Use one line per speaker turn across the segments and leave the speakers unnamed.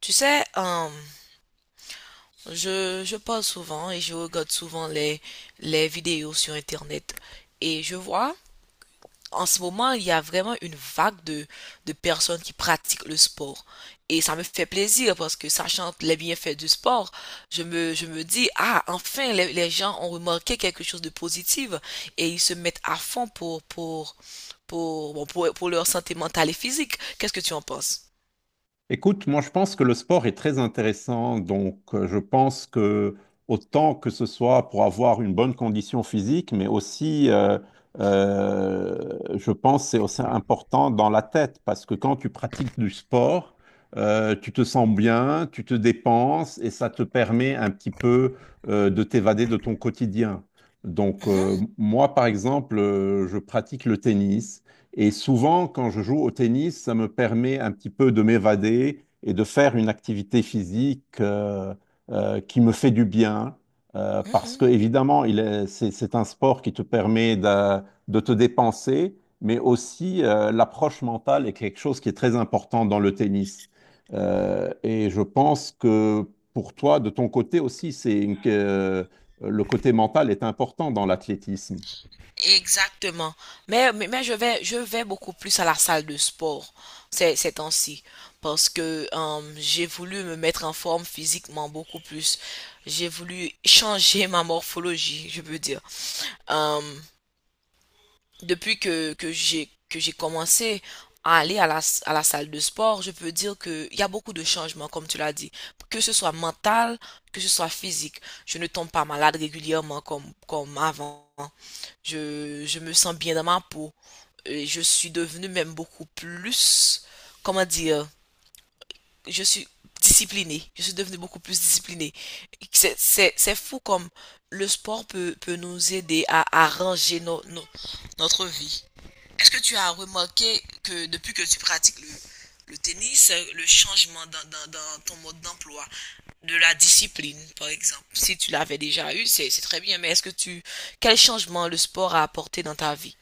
Tu sais, je parle souvent et je regarde souvent les vidéos sur Internet. Et je vois, en ce moment, il y a vraiment une vague de personnes qui pratiquent le sport. Et ça me fait plaisir parce que, sachant les bienfaits du sport, je me dis, ah, enfin, les gens ont remarqué quelque chose de positif et ils se mettent à fond pour leur santé mentale et physique. Qu'est-ce que tu en penses?
Écoute, moi je pense que le sport est très intéressant, donc je pense que autant que ce soit pour avoir une bonne condition physique, mais aussi, je pense que c'est aussi important dans la tête, parce que quand tu pratiques du sport, tu te sens bien, tu te dépenses et ça te permet un petit peu, de t'évader de ton quotidien. Donc
Mhm,
moi par exemple, je pratique le tennis. Et souvent, quand je joue au tennis, ça me permet un petit peu de m'évader et de faire une activité physique qui me fait du bien. Parce que,
mhm.
évidemment, c'est un sport qui te permet de te dépenser, mais aussi, l'approche mentale est quelque chose qui est très important dans le tennis. Et je pense que pour toi, de ton côté aussi, que, le côté mental est important dans l'athlétisme.
Exactement. Mais je vais beaucoup plus à la salle de sport ces temps-ci parce que, j'ai voulu me mettre en forme physiquement beaucoup plus. J'ai voulu changer ma morphologie, je peux dire. Euh, Depuis que j'ai commencé à aller à à la salle de sport, je peux dire qu'il y a beaucoup de changements, comme tu l'as dit, que ce soit mental, que ce soit physique. Je ne tombe pas malade régulièrement comme avant. Je me sens bien dans ma peau. Et je suis devenue même beaucoup plus, comment dire, je suis disciplinée. Je suis devenue beaucoup plus disciplinée. C'est fou comme le sport peut nous aider à arranger notre vie. Est-ce que tu as remarqué que depuis que tu pratiques le tennis, le changement dans ton mode d'emploi, de la discipline, par exemple, si tu l'avais déjà eu, c'est très bien, mais est-ce que tu, quel changement le sport a apporté dans ta vie?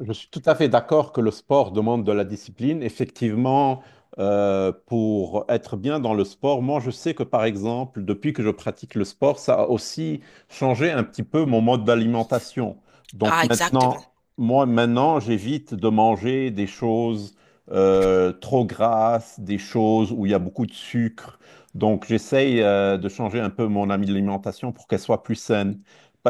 Je suis tout à fait d'accord que le sport demande de la discipline. Effectivement, pour être bien dans le sport, moi je sais que par exemple, depuis que je pratique le sport, ça a aussi changé un petit peu mon mode d'alimentation. Donc
Ah, exactement.
maintenant, moi maintenant, j'évite de manger des choses trop grasses, des choses où il y a beaucoup de sucre. Donc j'essaye de changer un peu mon alimentation pour qu'elle soit plus saine.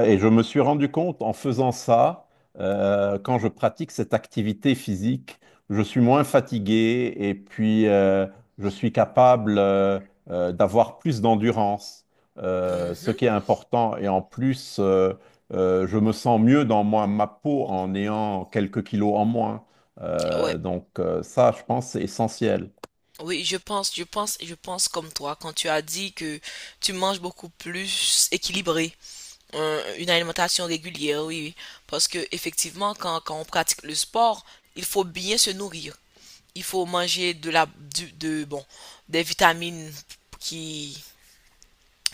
Et je me suis rendu compte en faisant ça, quand je pratique cette activité physique, je suis moins fatigué et puis je suis capable d'avoir plus d'endurance, ce
Mhm.
qui est important. Et en plus, je me sens mieux dans moi, ma peau en ayant quelques kilos en moins.
Ouais.
Donc ça, je pense, c'est essentiel.
Oui, je pense comme toi quand tu as dit que tu manges beaucoup plus équilibré, une alimentation régulière, oui, oui. Parce que, effectivement, quand on pratique le sport, il faut bien se nourrir. Il faut manger de la, du, de, bon, des vitamines qui,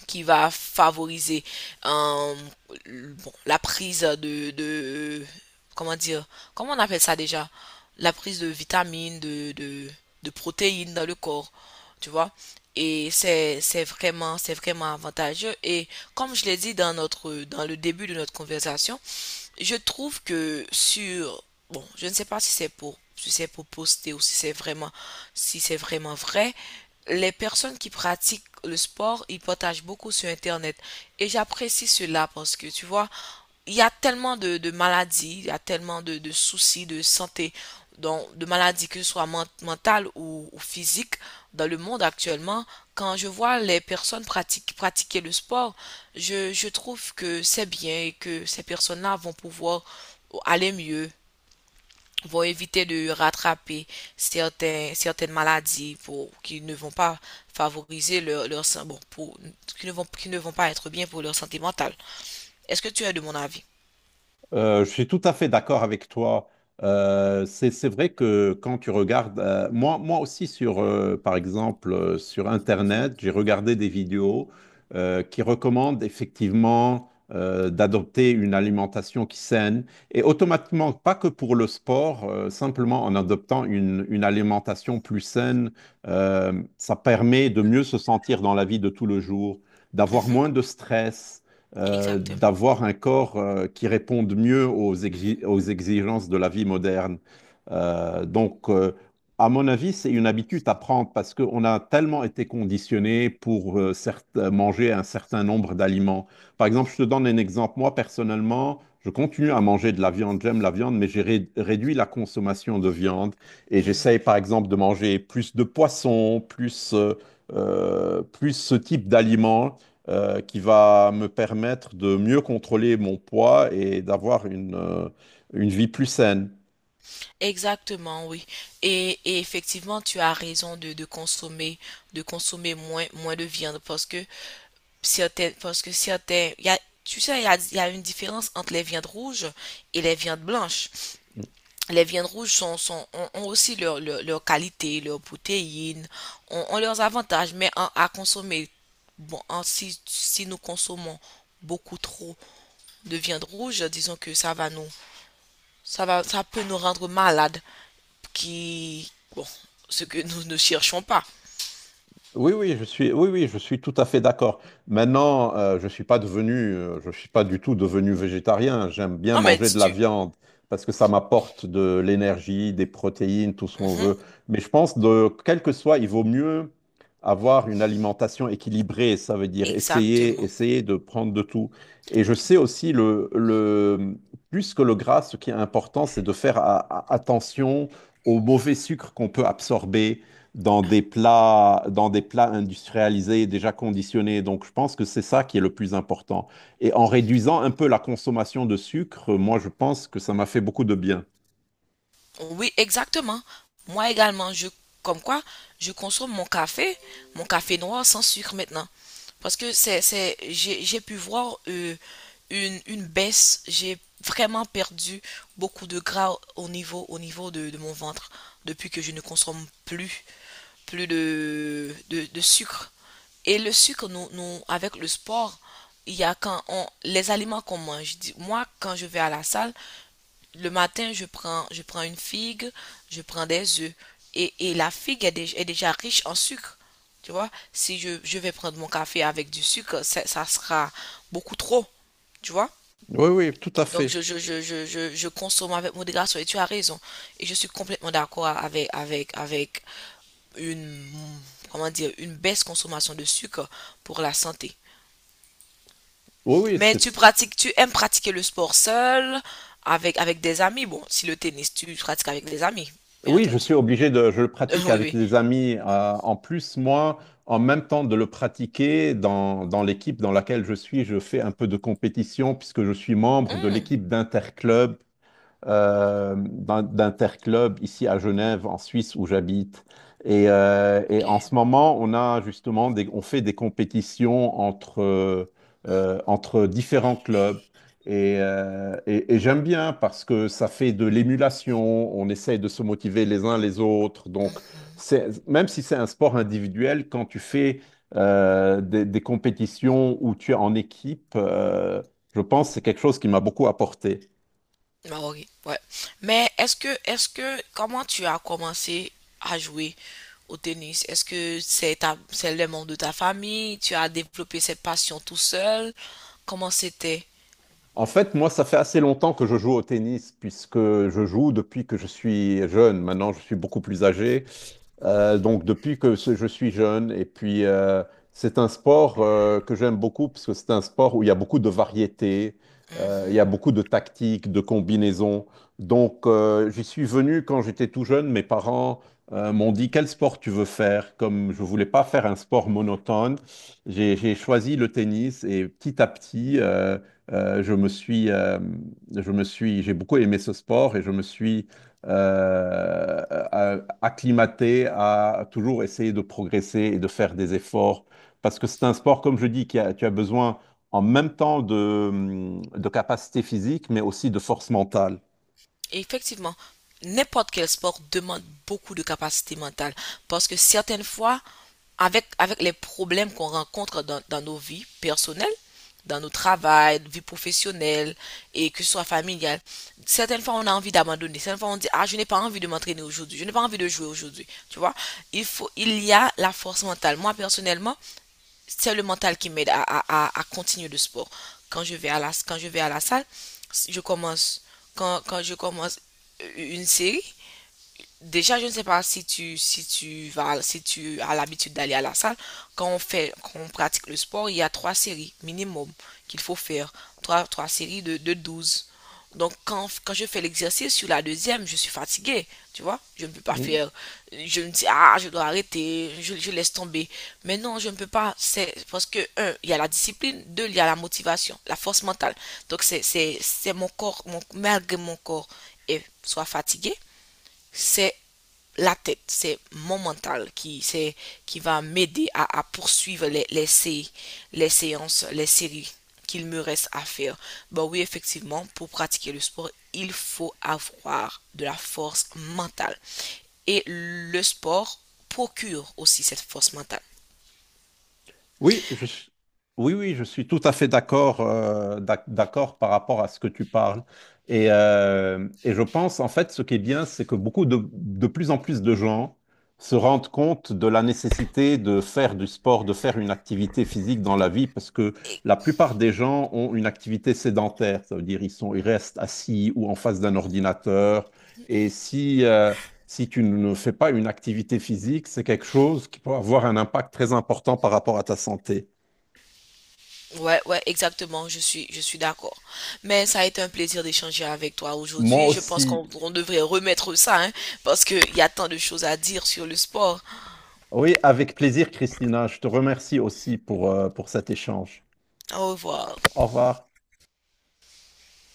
qui va favoriser, euh, la prise comment dire, comment on appelle ça déjà, la prise de vitamines de protéines dans le corps, tu vois. Et c'est vraiment avantageux. Et comme je l'ai dit dans notre dans le début de notre conversation, je trouve que sur, bon, je ne sais pas si c'est pour poster ou si c'est si c'est vraiment vrai, les personnes qui pratiquent le sport, ils partagent beaucoup sur Internet. Et j'apprécie cela parce que, tu vois, il y a tellement de maladies, il y a tellement de soucis de santé, donc de maladies, que ce soit mentales ou physiques dans le monde actuellement. Quand je vois les personnes pratiquer le sport, je trouve que c'est bien et que ces personnes-là vont pouvoir aller mieux, vont éviter de rattraper certaines maladies qui ne vont pas favoriser leur, leur sa- bon, pour, qui ne vont pas être bien pour leur santé mentale. Est-ce que tu es de mon avis?
Je suis tout à fait d'accord avec toi. C'est vrai que quand tu regardes, moi, moi aussi sur, par exemple, sur Internet, j'ai regardé des vidéos qui recommandent effectivement d'adopter une alimentation qui saine et automatiquement, pas que pour le sport, simplement en adoptant une alimentation plus saine, ça permet de mieux se sentir dans la vie de tout le jour, d'avoir
Mhm,
moins de stress,
exactement.
d'avoir un corps qui réponde mieux aux, aux exigences de la vie moderne. Donc, à mon avis, c'est une habitude à prendre parce qu'on a tellement été conditionné pour manger un certain nombre d'aliments. Par exemple, je te donne un exemple. Moi, personnellement, je continue à manger de la viande. J'aime la viande, mais j'ai réduit la consommation de viande et
Mhm.
j'essaye, par exemple, de manger plus de poissons, plus, plus ce type d'aliments qui va me permettre de mieux contrôler mon poids et d'avoir une vie plus saine.
Exactement, oui. Et et, effectivement, tu as raison de consommer moins de viande parce que certains, il y a, tu sais, il y a une différence entre les viandes rouges et les viandes blanches. Les viandes rouges ont aussi leur qualité, leurs protéines, ont leurs avantages, mais à consommer, bon, en- si, si nous consommons beaucoup trop de viande rouge, disons que ça va ça peut nous rendre malades, qui, bon, ce que nous ne cherchons pas.
Oui, oui, oui, oui, je suis tout à fait d'accord. Maintenant, je suis pas devenu, je suis pas du tout devenu végétarien. J'aime bien
Non, mais
manger
si
de la
tu...
viande parce que ça m'apporte de l'énergie, des protéines, tout ce qu'on
Mhm,
veut. Mais je pense de quel que soit, il vaut mieux avoir une alimentation équilibrée. Ça veut dire essayer,
exactement.
essayer de prendre de tout. Et je sais aussi le plus que le gras, ce qui est important, c'est de faire attention aux mauvais sucres qu'on peut absorber dans des plats industrialisés déjà conditionnés. Donc, je pense que c'est ça qui est le plus important. Et en réduisant un peu la consommation de sucre, moi, je pense que ça m'a fait beaucoup de bien.
Oui, exactement. Moi également, je, comme quoi, je consomme mon café noir sans sucre maintenant. Parce que j'ai pu voir, une baisse. J'ai vraiment perdu beaucoup de gras au niveau de mon ventre depuis que je ne consomme plus de sucre. Et le sucre, avec le sport, il y a quand on, les aliments qu'on mange. Moi, quand je vais à la salle, le matin, je prends une figue, je prends des œufs. Et la figue est, est déjà riche en sucre. Tu vois, si je vais prendre mon café avec du sucre, ça sera beaucoup trop. Tu vois?
Oui, oui, tout à
Donc,
fait.
je consomme avec modération. Et tu as raison. Et je suis complètement d'accord avec une, comment dire, une baisse consommation de sucre pour la santé.
Oui, oui,
Mais tu
c'est-
pratiques, tu aimes pratiquer le sport seul, avec des amis. Bon, si le tennis, tu pratiques avec des amis, bien
oui, je
entendu.
suis obligé de, je le pratique
Oui,
avec
oui.
des amis. En plus, moi, en même temps de le pratiquer, dans, dans l'équipe dans laquelle je suis, je fais un peu de compétition puisque je suis membre de
Hmm,
l'équipe d'interclub, d'interclub ici à Genève, en Suisse, où j'habite. Et en ce
ok.
moment, on a justement on fait des compétitions entre, entre différents clubs. Et, et j'aime bien parce que ça fait de l'émulation, on essaye de se motiver les uns les autres. Donc, c'est- même si c'est un sport individuel, quand tu fais des compétitions où tu es en équipe, je pense que c'est quelque chose qui m'a beaucoup apporté.
Hmm, ah, ok, ouais. Mais comment tu as commencé à jouer au tennis? Est-ce que c'est ta, c'est les membres de ta famille? Tu as développé cette passion tout seul? Comment c'était?
En fait, moi, ça fait assez longtemps que je joue au tennis, puisque je joue depuis que je suis jeune. Maintenant, je suis beaucoup plus âgé. Donc depuis que je suis jeune, et puis c'est un sport que j'aime beaucoup parce que c'est un sport où il y a beaucoup de variétés,
Hmm,
il
hmm.
y a beaucoup de tactiques, de combinaisons. Donc j'y suis venu quand j'étais tout jeune, mes parents m'ont dit quel sport tu veux faire. Comme je voulais pas faire un sport monotone, j'ai choisi le tennis et petit à petit euh, je me suis, euh, je me suis, j'ai beaucoup aimé ce sport et je me suis acclimaté à toujours essayer de progresser et de faire des efforts. Parce que c'est un sport, comme je dis, tu as besoin en même temps de capacité physique, mais aussi de force mentale.
Et effectivement, n'importe quel sport demande beaucoup de capacité mentale parce que, certaines fois, avec les problèmes qu'on rencontre dans nos vies personnelles, dans nos travail, vie professionnelle, et que ce soit familiale, certaines fois on a envie d'abandonner, certaines fois on dit ah je n'ai pas envie de m'entraîner aujourd'hui, je n'ai pas envie de jouer aujourd'hui, tu vois. Il faut, il y a la force mentale. Moi personnellement, c'est le mental qui m'aide à continuer le sport. Quand je vais à la salle, je commence, quand je commence une série. Déjà, je ne sais pas si tu vas, si tu as l'habitude d'aller à la salle. Quand on pratique le sport, il y a 3 séries minimum qu'il faut faire. Trois séries de 12. Donc, quand je fais l'exercice sur la deuxième, je suis fatiguée, tu vois. Je ne peux pas faire. Je me dis, ah, je dois arrêter, je laisse tomber. Mais non, je ne peux pas. C'est parce que, un, il y a la discipline, deux, il y a la motivation, la force mentale. Donc, c'est mon corps, mon, malgré mon corps, et soit fatigué, c'est la tête, c'est mon mental qui va m'aider à poursuivre les séances, les séries qu'il me reste à faire. Bah oui, effectivement, pour pratiquer le sport, il faut avoir de la force mentale. Et le sport procure aussi cette force mentale.
Oui, oui, oui, je suis tout à fait d'accord d'accord par rapport à ce que tu parles. Et je pense, en fait, ce qui est bien, c'est que beaucoup de plus en plus de gens se rendent compte de la nécessité de faire du sport, de faire une activité physique dans la vie, parce que
Et-
la plupart des gens ont une activité sédentaire. Ça veut dire ils sont, ils restent assis ou en face d'un ordinateur. Et si, si tu ne fais pas une activité physique, c'est quelque chose qui peut avoir un impact très important par rapport à ta santé.
ouais, ouais, exactement, je suis d'accord. Mais ça a été un plaisir d'échanger avec toi
Moi
aujourd'hui. Je pense
aussi.
qu'on on devrait remettre ça, hein, parce qu'il y a tant de choses à dire sur le sport.
Oui, avec plaisir, Christina. Je te remercie aussi pour cet échange.
Au revoir.
Au revoir.